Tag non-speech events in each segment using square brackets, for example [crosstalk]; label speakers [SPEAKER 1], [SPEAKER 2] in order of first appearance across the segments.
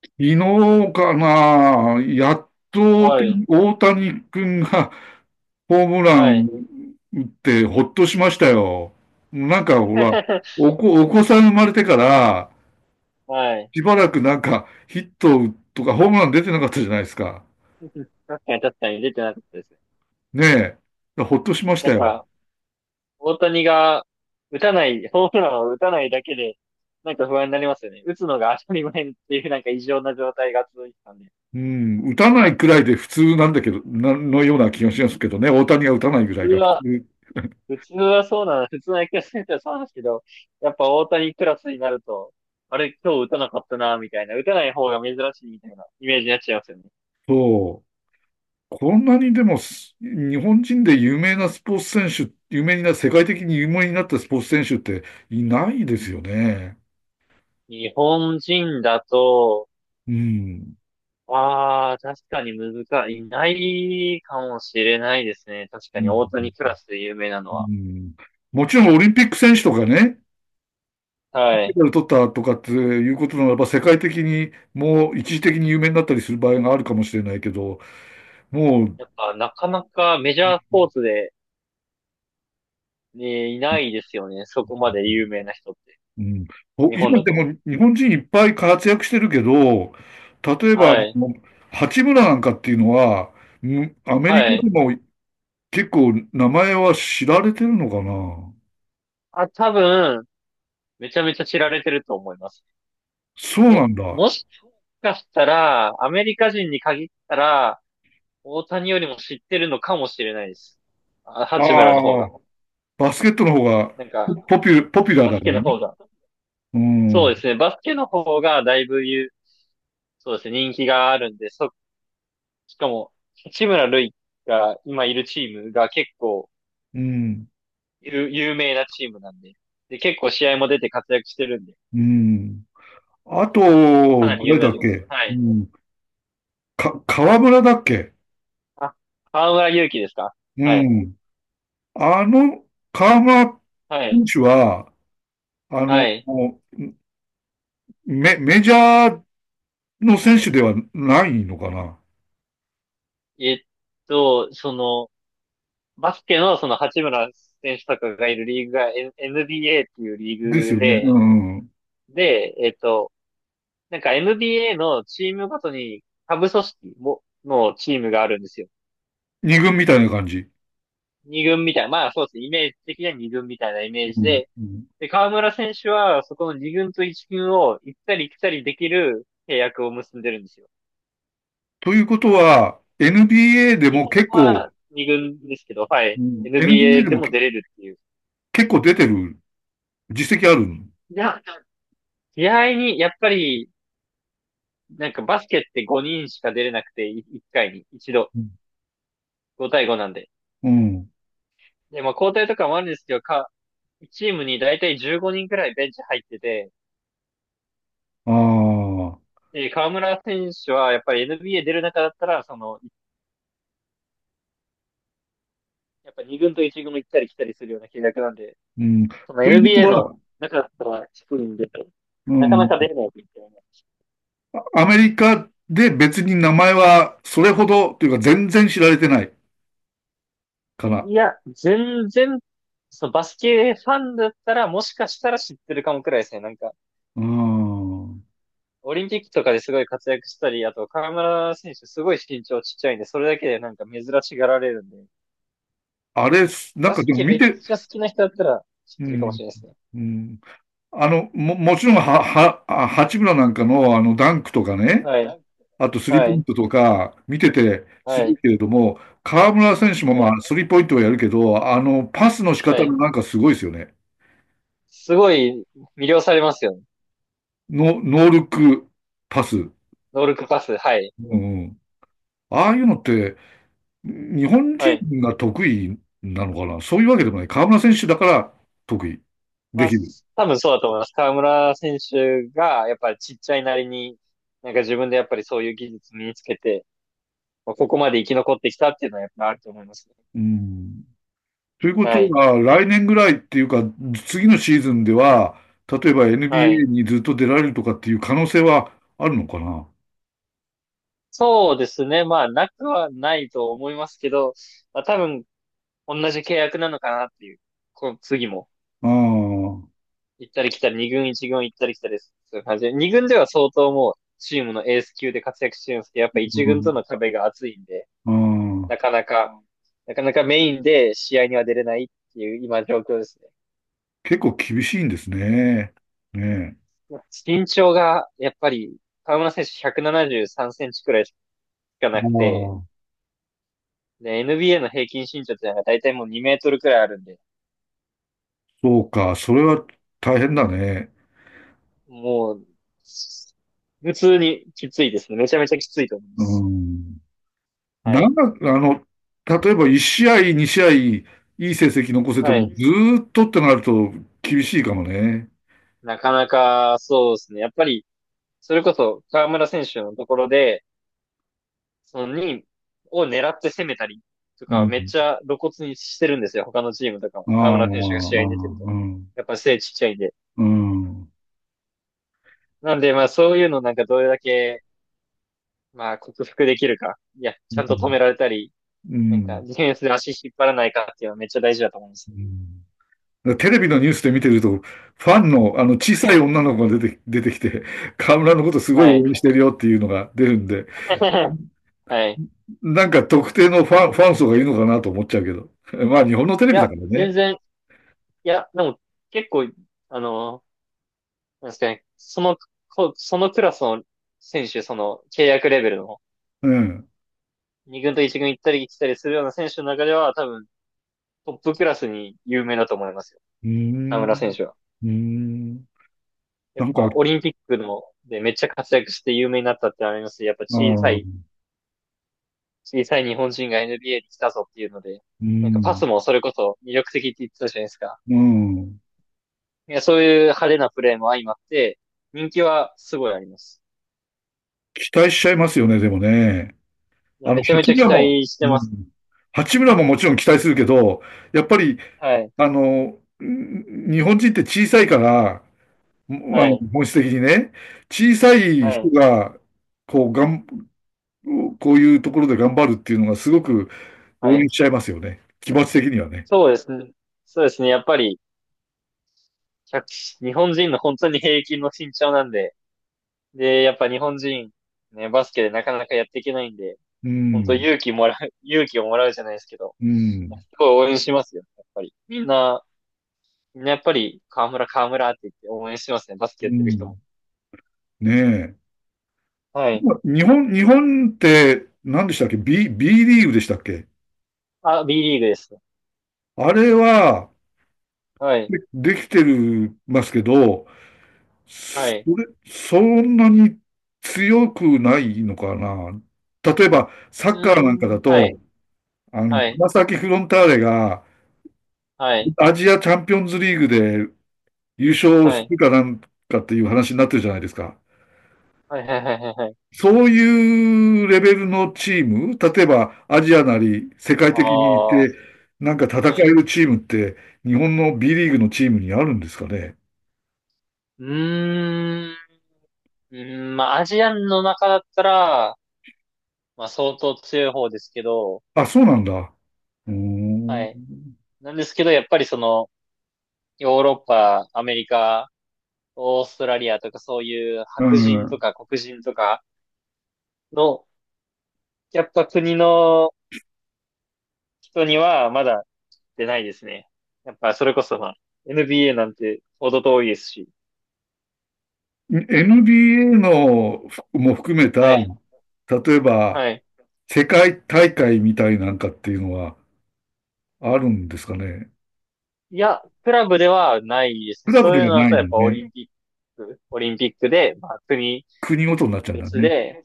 [SPEAKER 1] 昨日かな、やっと
[SPEAKER 2] はい。
[SPEAKER 1] 大谷君が [laughs] ホームラ
[SPEAKER 2] は
[SPEAKER 1] ン
[SPEAKER 2] い。
[SPEAKER 1] 打ってほっとしましたよ。なんかほら、
[SPEAKER 2] [laughs]
[SPEAKER 1] お子さん生まれてから、
[SPEAKER 2] はい。
[SPEAKER 1] しばらくなんかヒットとかホームラン出てなかったじゃないですか。
[SPEAKER 2] 確かに確かに出てなかったですね。
[SPEAKER 1] ねえ。ほっとしまし
[SPEAKER 2] な
[SPEAKER 1] た
[SPEAKER 2] ん
[SPEAKER 1] よ。
[SPEAKER 2] か、大谷が打たない、ホームランを打たないだけで、なんか不安になりますよね。打つのが当たり前っていうなんか異常な状態が続いてたんで。
[SPEAKER 1] うん。打たないくらいで普通なんだけど、のような気がしますけどね。大谷が打たな
[SPEAKER 2] 普
[SPEAKER 1] いぐら
[SPEAKER 2] 通
[SPEAKER 1] いが普
[SPEAKER 2] は、
[SPEAKER 1] 通。[laughs]
[SPEAKER 2] 普通はそうなの、普通の野球選手はそうなんですけど、やっぱ大谷クラスになると、あれ今日打たなかったな、みたいな、打たない方が珍しいみたいなイメージになっちゃいますよね。
[SPEAKER 1] そう。こんなにでもす、日本人で有名なスポーツ選手、有名にな、世界的に有名になったスポーツ選手っていないですよね。
[SPEAKER 2] 日本人だと、
[SPEAKER 1] うん。
[SPEAKER 2] ああ、確かに難しい。いないかもしれないですね。確か
[SPEAKER 1] う
[SPEAKER 2] に大
[SPEAKER 1] ん。
[SPEAKER 2] 谷クラスで有名な
[SPEAKER 1] う
[SPEAKER 2] のは。
[SPEAKER 1] んもちろんオリンピック選手とかね、
[SPEAKER 2] は
[SPEAKER 1] メ
[SPEAKER 2] い。
[SPEAKER 1] ダル取ったとかっていうことならば、世界的にもう一時的に有名になったりする場合があるかもしれないけど、もう、
[SPEAKER 2] やっぱなかなかメジャースポーツで、ね、いないですよね。そこまで有名な人って。
[SPEAKER 1] うん、
[SPEAKER 2] 日本
[SPEAKER 1] 今
[SPEAKER 2] だ
[SPEAKER 1] で
[SPEAKER 2] と。
[SPEAKER 1] も日本人いっぱい活躍してるけど、例えば、
[SPEAKER 2] はい。
[SPEAKER 1] 八村なんかっていうのは、うんアメリ
[SPEAKER 2] は
[SPEAKER 1] カで
[SPEAKER 2] い。
[SPEAKER 1] も結構名前は知られてるのかな。
[SPEAKER 2] あ、多分、めちゃめちゃ知られてると思います。
[SPEAKER 1] そうなんだ。あ
[SPEAKER 2] もしかしたら、アメリカ人に限ったら、大谷よりも知ってるのかもしれないです。あ、八村の方
[SPEAKER 1] あ、
[SPEAKER 2] が。
[SPEAKER 1] バスケットの方が
[SPEAKER 2] なんか、
[SPEAKER 1] ポピュラー
[SPEAKER 2] バ
[SPEAKER 1] だ
[SPEAKER 2] ス
[SPEAKER 1] か
[SPEAKER 2] ケ
[SPEAKER 1] ら
[SPEAKER 2] の
[SPEAKER 1] ね。
[SPEAKER 2] 方が。
[SPEAKER 1] うん、
[SPEAKER 2] そ
[SPEAKER 1] う
[SPEAKER 2] うですね。バスケの方がだいぶ有、そうですね、人気があるんで、しかも、八村塁が今いるチームが結構
[SPEAKER 1] ん、
[SPEAKER 2] 有、有名なチームなんで、で、結構試合も出て活躍してるんで、
[SPEAKER 1] うん。あと、
[SPEAKER 2] かなり有
[SPEAKER 1] 誰
[SPEAKER 2] 名
[SPEAKER 1] だ
[SPEAKER 2] だ
[SPEAKER 1] っ
[SPEAKER 2] と思い
[SPEAKER 1] け
[SPEAKER 2] ます。は
[SPEAKER 1] う
[SPEAKER 2] い。
[SPEAKER 1] ん、か、河村だっけ。
[SPEAKER 2] あ、河村勇輝ですか？
[SPEAKER 1] う
[SPEAKER 2] はい。
[SPEAKER 1] ん。あの、河村
[SPEAKER 2] はい。
[SPEAKER 1] 選手は、あ
[SPEAKER 2] は
[SPEAKER 1] の、
[SPEAKER 2] い。
[SPEAKER 1] メジャーの選手ではないのかな。
[SPEAKER 2] えっと、その、バスケのその八村選手とかがいるリーグが NBA っていうリ
[SPEAKER 1] で
[SPEAKER 2] ー
[SPEAKER 1] す
[SPEAKER 2] グ
[SPEAKER 1] よね。
[SPEAKER 2] で、
[SPEAKER 1] うん。
[SPEAKER 2] で、えっと、なんか NBA のチームごとに下部組織も、のチームがあるんですよ。
[SPEAKER 1] 二軍みたいな感じ。
[SPEAKER 2] 二軍みたいな、まあそうですね、イメージ的には二軍みたいなイメー
[SPEAKER 1] う
[SPEAKER 2] ジ
[SPEAKER 1] ん。
[SPEAKER 2] で、
[SPEAKER 1] うん。
[SPEAKER 2] で、河村選手はそこの二軍と一軍を行ったり来たりできる契約を結んでるんですよ。
[SPEAKER 1] ということは、NBA で
[SPEAKER 2] 基
[SPEAKER 1] も
[SPEAKER 2] 本
[SPEAKER 1] 結
[SPEAKER 2] は
[SPEAKER 1] 構、
[SPEAKER 2] 二軍ですけど、はい。
[SPEAKER 1] NBA
[SPEAKER 2] NBA
[SPEAKER 1] で
[SPEAKER 2] で
[SPEAKER 1] も
[SPEAKER 2] も出れるっていう。
[SPEAKER 1] 結構出てる実績ある。
[SPEAKER 2] いや、試合に、やっぱり、なんかバスケって5人しか出れなくて、1回に、一度、5対5なんで。
[SPEAKER 1] うん。
[SPEAKER 2] で、まあ交代とかもあるんですけど、チームに大体15人くらいベンチ入ってて、
[SPEAKER 1] ああ。
[SPEAKER 2] で、河村選手はやっぱり NBA 出る中だったら、その、やっぱ2軍と1軍行ったり来たりするような契約なんで、
[SPEAKER 1] うん。と
[SPEAKER 2] その
[SPEAKER 1] いうこと
[SPEAKER 2] NBA の
[SPEAKER 1] は、
[SPEAKER 2] 中だったら低いんで、
[SPEAKER 1] う
[SPEAKER 2] なかなか
[SPEAKER 1] ん。
[SPEAKER 2] 出れないみたいな。
[SPEAKER 1] アメリカで別に名前はそれほどというか全然知られてないかな。
[SPEAKER 2] いや、全然、そのバスケファンだったら、もしかしたら知ってるかもくらいですね。なんか、
[SPEAKER 1] うん。
[SPEAKER 2] オリンピックとかですごい活躍したり、あと、河村選手すごい身長ちっちゃいんで、それだけでなんか珍しがられるんで、
[SPEAKER 1] あれ、なん
[SPEAKER 2] バ
[SPEAKER 1] か
[SPEAKER 2] ス
[SPEAKER 1] でも
[SPEAKER 2] ケ
[SPEAKER 1] 見
[SPEAKER 2] めっ
[SPEAKER 1] て、
[SPEAKER 2] ちゃ好きな人だったら知っ
[SPEAKER 1] う
[SPEAKER 2] てるかもし
[SPEAKER 1] ん。
[SPEAKER 2] れないですね。
[SPEAKER 1] うん、あの、もちろんは、は、あ八村なんかのあのダンクとかね、
[SPEAKER 2] はい、
[SPEAKER 1] あとスリーポ
[SPEAKER 2] は
[SPEAKER 1] イン
[SPEAKER 2] い、
[SPEAKER 1] トとか見ててす
[SPEAKER 2] は
[SPEAKER 1] ご
[SPEAKER 2] い、
[SPEAKER 1] いけれども、河村選手も
[SPEAKER 2] はい、
[SPEAKER 1] まあスリーポイントはやるけど、あのパスの仕
[SPEAKER 2] は
[SPEAKER 1] 方
[SPEAKER 2] い。
[SPEAKER 1] がなんかすごいですよね。
[SPEAKER 2] すごい魅了されますよね。
[SPEAKER 1] ノールックパス。
[SPEAKER 2] ノールックパス。はい、
[SPEAKER 1] うん。ああいうのって日本
[SPEAKER 2] は
[SPEAKER 1] 人
[SPEAKER 2] い。
[SPEAKER 1] が得意なのかな。そういうわけでもない。河村選手だから得意。
[SPEAKER 2] ま
[SPEAKER 1] で
[SPEAKER 2] あ、
[SPEAKER 1] きる。
[SPEAKER 2] 多分そうだと思います。河村選手が、やっぱりちっちゃいなりに、なんか自分でやっぱりそういう技術身につけて、まあここまで生き残ってきたっていうのはやっぱあると思いますね。
[SPEAKER 1] うん。ということ
[SPEAKER 2] はい、
[SPEAKER 1] は、来年ぐらいっていうか、次のシーズンでは、例えば
[SPEAKER 2] はい。
[SPEAKER 1] NBA にずっと出られるとかっていう可能性はあるのかな。
[SPEAKER 2] そうですね。まあ、なくはないと思いますけど、まあ、多分同じ契約なのかなっていう、この次も。
[SPEAKER 1] ああー、
[SPEAKER 2] 行ったり来たり、二軍一軍行ったり来たりする感じで、二軍では相当もうチームのエース級で活躍してるんですけど、やっぱ
[SPEAKER 1] う
[SPEAKER 2] 一軍
[SPEAKER 1] ん。
[SPEAKER 2] との壁が厚いんで、
[SPEAKER 1] あ
[SPEAKER 2] な
[SPEAKER 1] あ、
[SPEAKER 2] かなか、なかなかメインで試合には出れないっていう今状況ですね。
[SPEAKER 1] 結構厳しいんですね。ねえ。
[SPEAKER 2] 身長がやっぱり河村選手173センチくらいしかな
[SPEAKER 1] あ
[SPEAKER 2] くて、
[SPEAKER 1] あ、
[SPEAKER 2] で、NBA の平均身長ってのが大体もう2メートルくらいあるんで、
[SPEAKER 1] そうか。それは大変だね。
[SPEAKER 2] もう、普通にきついですね。めちゃめちゃきついと思いま
[SPEAKER 1] う
[SPEAKER 2] す。
[SPEAKER 1] ん。
[SPEAKER 2] は
[SPEAKER 1] な
[SPEAKER 2] い。
[SPEAKER 1] んだ、あの、例えば1試合、2試合、いい成績残せて
[SPEAKER 2] は
[SPEAKER 1] も、ず
[SPEAKER 2] い。
[SPEAKER 1] ーっとってなると厳しいかもね。
[SPEAKER 2] なかなか、そうですね。やっぱり、それこそ河村選手のところで、その2位を狙って攻めたりと
[SPEAKER 1] う
[SPEAKER 2] か、めっ
[SPEAKER 1] ん。
[SPEAKER 2] ちゃ露骨にしてるんですよ。他のチームとかも。
[SPEAKER 1] ああ、
[SPEAKER 2] 河
[SPEAKER 1] ああ、う
[SPEAKER 2] 村選手が試合に出てると。
[SPEAKER 1] ん。
[SPEAKER 2] やっぱ背ちっちゃいんで。
[SPEAKER 1] うん。うん。
[SPEAKER 2] なんで、まあそういうのなんかどれだけ、まあ克服できるか。いや、ちゃんと止められたり、
[SPEAKER 1] う
[SPEAKER 2] なんか
[SPEAKER 1] ん。
[SPEAKER 2] ディフェンスで足引っ張らないかっていうのはめっちゃ大事だと思います。
[SPEAKER 1] うん。テレビのニュースで見てると、ファンの、あの、小さい女の子が出てきて、河村のことすごい
[SPEAKER 2] はい。
[SPEAKER 1] 応援してるよっていうのが出るんで、
[SPEAKER 2] [laughs] はい。
[SPEAKER 1] なんか特定のファン層がいるのかなと思っちゃうけど。[laughs] まあ日本のテレ
[SPEAKER 2] い
[SPEAKER 1] ビだ
[SPEAKER 2] や、
[SPEAKER 1] から
[SPEAKER 2] 全
[SPEAKER 1] ね。
[SPEAKER 2] 然、いや、でも結構、あの、なんですかね、その、こそのクラスの選手、その契約レベルの
[SPEAKER 1] うん。
[SPEAKER 2] 2軍と1軍行ったり来たりするような選手の中では、多分トップクラスに有名だと思いますよ。
[SPEAKER 1] うー
[SPEAKER 2] 田村
[SPEAKER 1] ん。
[SPEAKER 2] 選手は。
[SPEAKER 1] うーん。
[SPEAKER 2] や
[SPEAKER 1] な
[SPEAKER 2] っ
[SPEAKER 1] んか、あ
[SPEAKER 2] ぱオリンピックのでめっちゃ活躍して有名になったってありますし、やっぱ小さ
[SPEAKER 1] あ、
[SPEAKER 2] い、
[SPEAKER 1] う
[SPEAKER 2] 小さい日本人が NBA に来たぞっていうので、
[SPEAKER 1] ー
[SPEAKER 2] なんかパ
[SPEAKER 1] ん。
[SPEAKER 2] スもそれこそ魅力的って言ってたじゃないですか。
[SPEAKER 1] うーん。
[SPEAKER 2] いや、そういう派手なプレーも相まって、人気はすごいあります。
[SPEAKER 1] 期待しちゃいますよね、でもね。
[SPEAKER 2] いや、
[SPEAKER 1] あの、
[SPEAKER 2] めちゃめ
[SPEAKER 1] 八
[SPEAKER 2] ちゃ
[SPEAKER 1] 村
[SPEAKER 2] 期
[SPEAKER 1] も、
[SPEAKER 2] 待して
[SPEAKER 1] う
[SPEAKER 2] ますね。
[SPEAKER 1] ん。八村ももちろん期待するけど、やっぱり、
[SPEAKER 2] はい。
[SPEAKER 1] あの、うん、日本人って小さいから、もあ
[SPEAKER 2] は
[SPEAKER 1] の、
[SPEAKER 2] い。
[SPEAKER 1] 本質的にね、小さい
[SPEAKER 2] は
[SPEAKER 1] 人
[SPEAKER 2] い。
[SPEAKER 1] が、こう、がん、こういうところで頑張るっていうのがすごく
[SPEAKER 2] は
[SPEAKER 1] 応
[SPEAKER 2] い。
[SPEAKER 1] 援しちゃいますよね。気持ち的にはね。
[SPEAKER 2] そうですね。そうですね。やっぱり、1日本人の本当に平均の身長なんで、で、やっぱ日本人、ね、バスケでなかなかやっていけないんで、
[SPEAKER 1] う
[SPEAKER 2] 本当
[SPEAKER 1] ん、
[SPEAKER 2] 勇気もらう、[laughs] 勇気をもらうじゃないですけど、
[SPEAKER 1] う
[SPEAKER 2] す
[SPEAKER 1] ん、
[SPEAKER 2] ごい応援しますよ、やっぱり。みんなやっぱり、河村って言って応援してますね、バスケや
[SPEAKER 1] う
[SPEAKER 2] ってる人も。
[SPEAKER 1] ん。ねえ。
[SPEAKER 2] はい。
[SPEAKER 1] 日本って、何でしたっけ? B リーグでしたっけ。
[SPEAKER 2] あ、Bリーグですね。
[SPEAKER 1] あれは、
[SPEAKER 2] はい。
[SPEAKER 1] で、できてる、ますけど、
[SPEAKER 2] はい。
[SPEAKER 1] そんなに強くないのかな。例えば、サ
[SPEAKER 2] う
[SPEAKER 1] ッカー
[SPEAKER 2] ー
[SPEAKER 1] なんかだ
[SPEAKER 2] ん、はい。
[SPEAKER 1] と、あの、
[SPEAKER 2] はい。
[SPEAKER 1] 川崎フロンターレが、
[SPEAKER 2] はい。
[SPEAKER 1] アジアチャンピオンズリーグで優勝
[SPEAKER 2] は
[SPEAKER 1] す
[SPEAKER 2] い。
[SPEAKER 1] るかなんかっていう話になってるじゃないですか。
[SPEAKER 2] はい。はい。はい。はい。はい
[SPEAKER 1] そういうレベルのチーム、例えばアジアなり世界
[SPEAKER 2] あ
[SPEAKER 1] 的にい
[SPEAKER 2] あ、
[SPEAKER 1] て、なんか戦
[SPEAKER 2] は
[SPEAKER 1] え
[SPEAKER 2] い。
[SPEAKER 1] るチームって、日本の B リーグのチームにあるんですかね。
[SPEAKER 2] うーん。うーん、まあ、アジアンの中だったら、まあ、相当強い方ですけど、
[SPEAKER 1] あ、そうなんだ。うー
[SPEAKER 2] はい。
[SPEAKER 1] ん。
[SPEAKER 2] なんですけど、やっぱりその、ヨーロッパ、アメリカ、オーストラリアとかそういう
[SPEAKER 1] う
[SPEAKER 2] 白人と
[SPEAKER 1] ん、
[SPEAKER 2] か黒人とかの、やっぱ国の人にはまだ出ないですね。やっぱそれこそまあ、NBA なんてほど遠いですし。
[SPEAKER 1] NBA のも含め
[SPEAKER 2] は
[SPEAKER 1] た、
[SPEAKER 2] い、
[SPEAKER 1] 例えば
[SPEAKER 2] はい。
[SPEAKER 1] 世界大会みたいなんかっていうのはあるんですかね。
[SPEAKER 2] いや、クラブではないです
[SPEAKER 1] ク
[SPEAKER 2] ね。
[SPEAKER 1] ラブ
[SPEAKER 2] そ
[SPEAKER 1] で
[SPEAKER 2] ういう
[SPEAKER 1] は
[SPEAKER 2] のだ
[SPEAKER 1] な
[SPEAKER 2] と
[SPEAKER 1] い
[SPEAKER 2] やっ
[SPEAKER 1] の
[SPEAKER 2] ぱオ
[SPEAKER 1] ね。
[SPEAKER 2] リンピック。オリンピックで、まあ、国
[SPEAKER 1] 国ごとになっちゃうんだ
[SPEAKER 2] 別
[SPEAKER 1] ね。
[SPEAKER 2] で、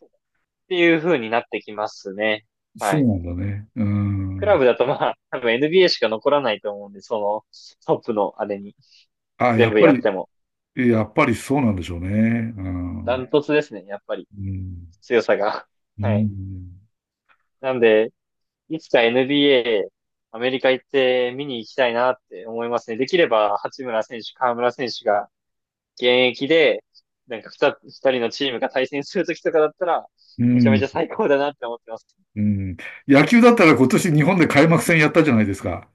[SPEAKER 2] っていう風になってきますね。
[SPEAKER 1] そ
[SPEAKER 2] は
[SPEAKER 1] う
[SPEAKER 2] い。
[SPEAKER 1] なんだね。う
[SPEAKER 2] クラ
[SPEAKER 1] ん。
[SPEAKER 2] ブだとまあ、多分 NBA しか残らないと思うんで、その、トップのあれに、
[SPEAKER 1] あ、やっ
[SPEAKER 2] 全部
[SPEAKER 1] ぱ
[SPEAKER 2] やっ
[SPEAKER 1] り、
[SPEAKER 2] ても。
[SPEAKER 1] やっぱりそうなんでしょうね。う
[SPEAKER 2] ダン
[SPEAKER 1] ん。
[SPEAKER 2] トツですね、やっぱり。
[SPEAKER 1] うん。
[SPEAKER 2] 強さが。[laughs]
[SPEAKER 1] う
[SPEAKER 2] はい。
[SPEAKER 1] ん。
[SPEAKER 2] なんで、いつか NBA、アメリカ行って見に行きたいなって思いますね。できれば、八村選手、河村選手が現役で、なんか二人のチームが対戦するときとかだったら、
[SPEAKER 1] う
[SPEAKER 2] めちゃめち
[SPEAKER 1] ん。
[SPEAKER 2] ゃ最高だなって思ってます。
[SPEAKER 1] うん。野球だったら今年日本で開幕戦やったじゃないですか。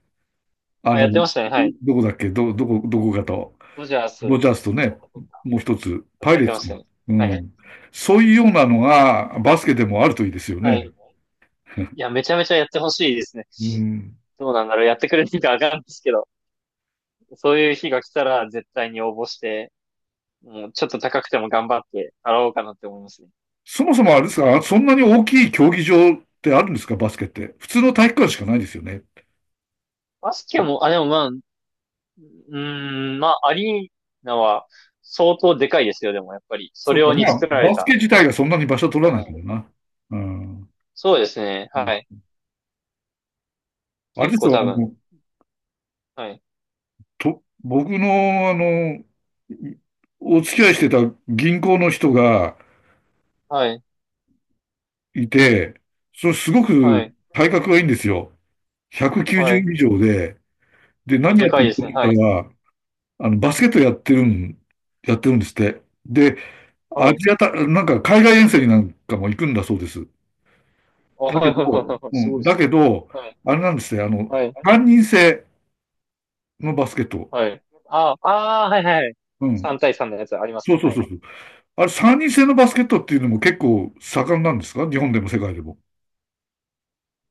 [SPEAKER 1] あ
[SPEAKER 2] あ、や
[SPEAKER 1] の、
[SPEAKER 2] ってましたね。はい。
[SPEAKER 1] どこだっけど、どこ、どこかと。
[SPEAKER 2] ドジャー
[SPEAKER 1] ド
[SPEAKER 2] ス
[SPEAKER 1] ジャースとね、もう一つ、
[SPEAKER 2] とか
[SPEAKER 1] パイ
[SPEAKER 2] やっ
[SPEAKER 1] レー
[SPEAKER 2] てま
[SPEAKER 1] ツ
[SPEAKER 2] し
[SPEAKER 1] か。
[SPEAKER 2] たね。
[SPEAKER 1] う
[SPEAKER 2] はい。
[SPEAKER 1] ん。そういうようなのがバスケでもあるといいですよ
[SPEAKER 2] はい。
[SPEAKER 1] ね。[laughs]
[SPEAKER 2] いや、めちゃめちゃやってほしいですね。
[SPEAKER 1] うん。
[SPEAKER 2] どうなんだろう。やってくれるかわかんないですけど、そういう日が来たら絶対に応募して、もうちょっと高くても頑張って払おうかなって思いますね。
[SPEAKER 1] そもそもあれですか、そんなに大きい競技場ってあるんですか、バスケって。普通の体育館しかないですよね。
[SPEAKER 2] バスケも、あ、でもまあ、うーん、まあ、アリーナは相当でかいですよ、でもやっぱり。そ
[SPEAKER 1] そ
[SPEAKER 2] れ
[SPEAKER 1] うか、
[SPEAKER 2] 用に
[SPEAKER 1] まあ、
[SPEAKER 2] 作られ
[SPEAKER 1] バスケ
[SPEAKER 2] た。
[SPEAKER 1] 自体がそんなに場所取ら
[SPEAKER 2] は
[SPEAKER 1] ないけど
[SPEAKER 2] い
[SPEAKER 1] な。うん。
[SPEAKER 2] そうですね、
[SPEAKER 1] うん。
[SPEAKER 2] はい。
[SPEAKER 1] あれ
[SPEAKER 2] 結
[SPEAKER 1] です
[SPEAKER 2] 構
[SPEAKER 1] よ、
[SPEAKER 2] 多
[SPEAKER 1] あ
[SPEAKER 2] 分。
[SPEAKER 1] の、
[SPEAKER 2] はい。
[SPEAKER 1] 僕の、あの、いお付き合いしてた銀行の人が
[SPEAKER 2] はい。
[SPEAKER 1] いて、それすご
[SPEAKER 2] は
[SPEAKER 1] く
[SPEAKER 2] い。
[SPEAKER 1] 体格がいいんですよ。
[SPEAKER 2] はい。
[SPEAKER 1] 190以上で、で、
[SPEAKER 2] お、
[SPEAKER 1] 何や
[SPEAKER 2] で
[SPEAKER 1] っ
[SPEAKER 2] か
[SPEAKER 1] て
[SPEAKER 2] いで
[SPEAKER 1] るか
[SPEAKER 2] す
[SPEAKER 1] っ
[SPEAKER 2] ね、
[SPEAKER 1] て言っ
[SPEAKER 2] はい。
[SPEAKER 1] たら、あの、バスケットやってるん、やってるんですって。で、
[SPEAKER 2] は
[SPEAKER 1] ア
[SPEAKER 2] い。
[SPEAKER 1] ジアた、なんか海外遠征になんかも行くんだそうです。だ
[SPEAKER 2] あ、は
[SPEAKER 1] け
[SPEAKER 2] いはい
[SPEAKER 1] ど、
[SPEAKER 2] はいはい。
[SPEAKER 1] う
[SPEAKER 2] すごい
[SPEAKER 1] ん、
[SPEAKER 2] で
[SPEAKER 1] だ
[SPEAKER 2] すね。
[SPEAKER 1] けど、
[SPEAKER 2] はい。
[SPEAKER 1] あれなんですね、あの、
[SPEAKER 2] はい。
[SPEAKER 1] 三人制のバスケット。
[SPEAKER 2] はい。あ、あー、はいはいはい。
[SPEAKER 1] うん。
[SPEAKER 2] 3対3のやつあります
[SPEAKER 1] そう
[SPEAKER 2] ね、
[SPEAKER 1] そう
[SPEAKER 2] は
[SPEAKER 1] そ
[SPEAKER 2] い。
[SPEAKER 1] うそう。あれ、三人制のバスケットっていうのも結構盛んなんですか、日本でも世界でも。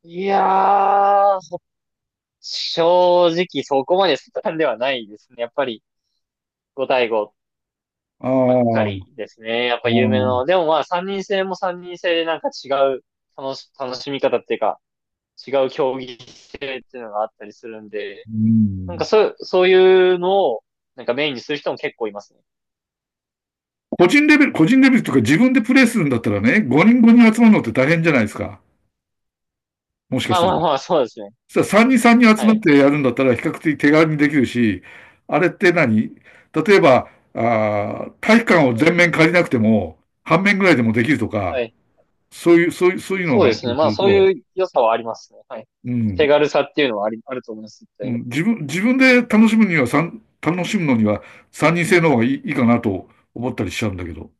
[SPEAKER 2] いやー、正直そこまで進んではないですね。やっぱりご対5
[SPEAKER 1] ああ、
[SPEAKER 2] ばっか
[SPEAKER 1] ああ、
[SPEAKER 2] りですね。やっぱ有名な。でもまあ3人制も3人制でなんか違う楽しみ方っていうか、違う競技性っていうのがあったりするんで、
[SPEAKER 1] うん。
[SPEAKER 2] そういうのをなんかメインにする人も結構いますね。
[SPEAKER 1] 個人レベルというか自分でプレーするんだったらね、5人5人集まるのって大変じゃないですか。もしか
[SPEAKER 2] ま
[SPEAKER 1] し
[SPEAKER 2] あ
[SPEAKER 1] たら。
[SPEAKER 2] まあまあ、そうですね。
[SPEAKER 1] そしたら3人3人集
[SPEAKER 2] は
[SPEAKER 1] まっ
[SPEAKER 2] い。
[SPEAKER 1] てやるんだったら比較的手軽にできるし、あれって何、例えば、あー体育館を
[SPEAKER 2] は
[SPEAKER 1] 全
[SPEAKER 2] い。
[SPEAKER 1] 面借りなくても、半面ぐらいでもできると
[SPEAKER 2] は
[SPEAKER 1] か、
[SPEAKER 2] い。
[SPEAKER 1] そういう、そういう、そういうの
[SPEAKER 2] そ
[SPEAKER 1] が
[SPEAKER 2] う
[SPEAKER 1] あ
[SPEAKER 2] で
[SPEAKER 1] る
[SPEAKER 2] すね。
[SPEAKER 1] と、
[SPEAKER 2] まあそういう良さはありますね。はい。
[SPEAKER 1] う
[SPEAKER 2] 手
[SPEAKER 1] ん。
[SPEAKER 2] 軽さっていうのはあり、あると思います。絶
[SPEAKER 1] う
[SPEAKER 2] 対に
[SPEAKER 1] ん、自分で楽しむには、楽しむのには三人制の方がいいかなと思ったりしちゃうんだけど。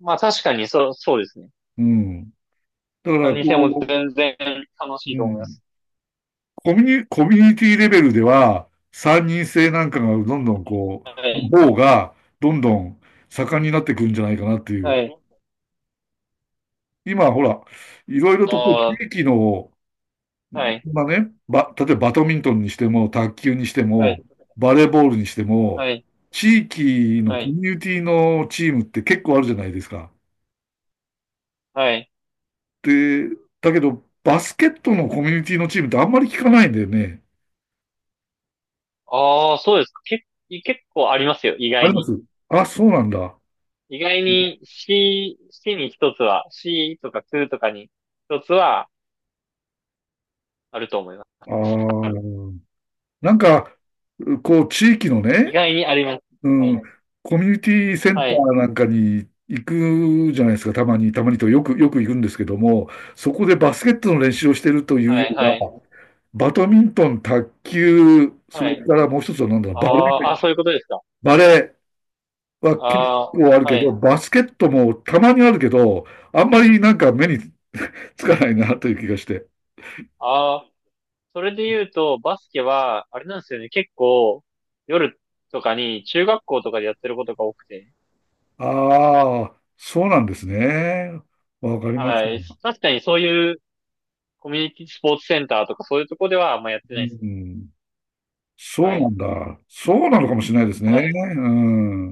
[SPEAKER 2] まあ確かにそう、そうですね。
[SPEAKER 1] うん。だか
[SPEAKER 2] 3
[SPEAKER 1] ら、
[SPEAKER 2] 人制も
[SPEAKER 1] こ
[SPEAKER 2] 全然楽し
[SPEAKER 1] う、
[SPEAKER 2] い
[SPEAKER 1] う
[SPEAKER 2] と思いま
[SPEAKER 1] ん、
[SPEAKER 2] す。
[SPEAKER 1] コミュニティレベルでは、三人制なんかがどんどんこ
[SPEAKER 2] は
[SPEAKER 1] う、
[SPEAKER 2] い。
[SPEAKER 1] の方が、どんどん盛んになってくるんじゃないかなってい
[SPEAKER 2] は
[SPEAKER 1] う。
[SPEAKER 2] い。
[SPEAKER 1] 今、ほら、いろいろとこう
[SPEAKER 2] あ
[SPEAKER 1] 地域の、
[SPEAKER 2] あ、はい。
[SPEAKER 1] まあね、例えばバドミントンにしても、卓球にして
[SPEAKER 2] はい。
[SPEAKER 1] も、バレーボールにしても、
[SPEAKER 2] はい、
[SPEAKER 1] 地域の
[SPEAKER 2] は
[SPEAKER 1] コ
[SPEAKER 2] い、
[SPEAKER 1] ミュニティのチームって結構あるじゃないですか。
[SPEAKER 2] はい。
[SPEAKER 1] で、だけど、バスケットのコミュニティのチームってあんまり聞かないんだよね。
[SPEAKER 2] ああ、そうですか。結構ありますよ、意
[SPEAKER 1] あ
[SPEAKER 2] 外
[SPEAKER 1] りま
[SPEAKER 2] に。
[SPEAKER 1] す、あ、そうなんだ。あ
[SPEAKER 2] 意外にC に一つは、C とか Q とかに一つはあると思います。多分
[SPEAKER 1] あ、なんか、こう、地域の
[SPEAKER 2] 意
[SPEAKER 1] ね、
[SPEAKER 2] 外にあります。
[SPEAKER 1] う
[SPEAKER 2] はい、
[SPEAKER 1] ん、コミュニティセン
[SPEAKER 2] は
[SPEAKER 1] タ
[SPEAKER 2] い、
[SPEAKER 1] ーなんかに行くじゃないですか、たまに、たまにとよく、よく行くんですけども、そこでバスケットの練習をしてるというよ
[SPEAKER 2] はい、
[SPEAKER 1] りは、
[SPEAKER 2] はい、
[SPEAKER 1] バドミントン、卓球、そ
[SPEAKER 2] は
[SPEAKER 1] れ
[SPEAKER 2] い。
[SPEAKER 1] からもう一つは何だろう、
[SPEAKER 2] あ
[SPEAKER 1] バレー、
[SPEAKER 2] あ、あ、そういうことですか。
[SPEAKER 1] バレーは
[SPEAKER 2] あ
[SPEAKER 1] 結構ある
[SPEAKER 2] あ、
[SPEAKER 1] け
[SPEAKER 2] は
[SPEAKER 1] ど、
[SPEAKER 2] い。
[SPEAKER 1] バスケットもたまにあるけど、あんまりなんか目につかないなという気がして。
[SPEAKER 2] ああ、それで言うと、バスケは、あれなんですよね、結構、夜とかに中学校とかでやってることが多くて。
[SPEAKER 1] ああ、そうなんですね。わかりまし
[SPEAKER 2] はい。
[SPEAKER 1] た。
[SPEAKER 2] 確かにそういうコミュニティスポーツセンターとかそういうとこではあんまやってな
[SPEAKER 1] う
[SPEAKER 2] いです。
[SPEAKER 1] ん、そう
[SPEAKER 2] は
[SPEAKER 1] な
[SPEAKER 2] い。
[SPEAKER 1] んだ。そうなのかもしれないですね。
[SPEAKER 2] はい。
[SPEAKER 1] うん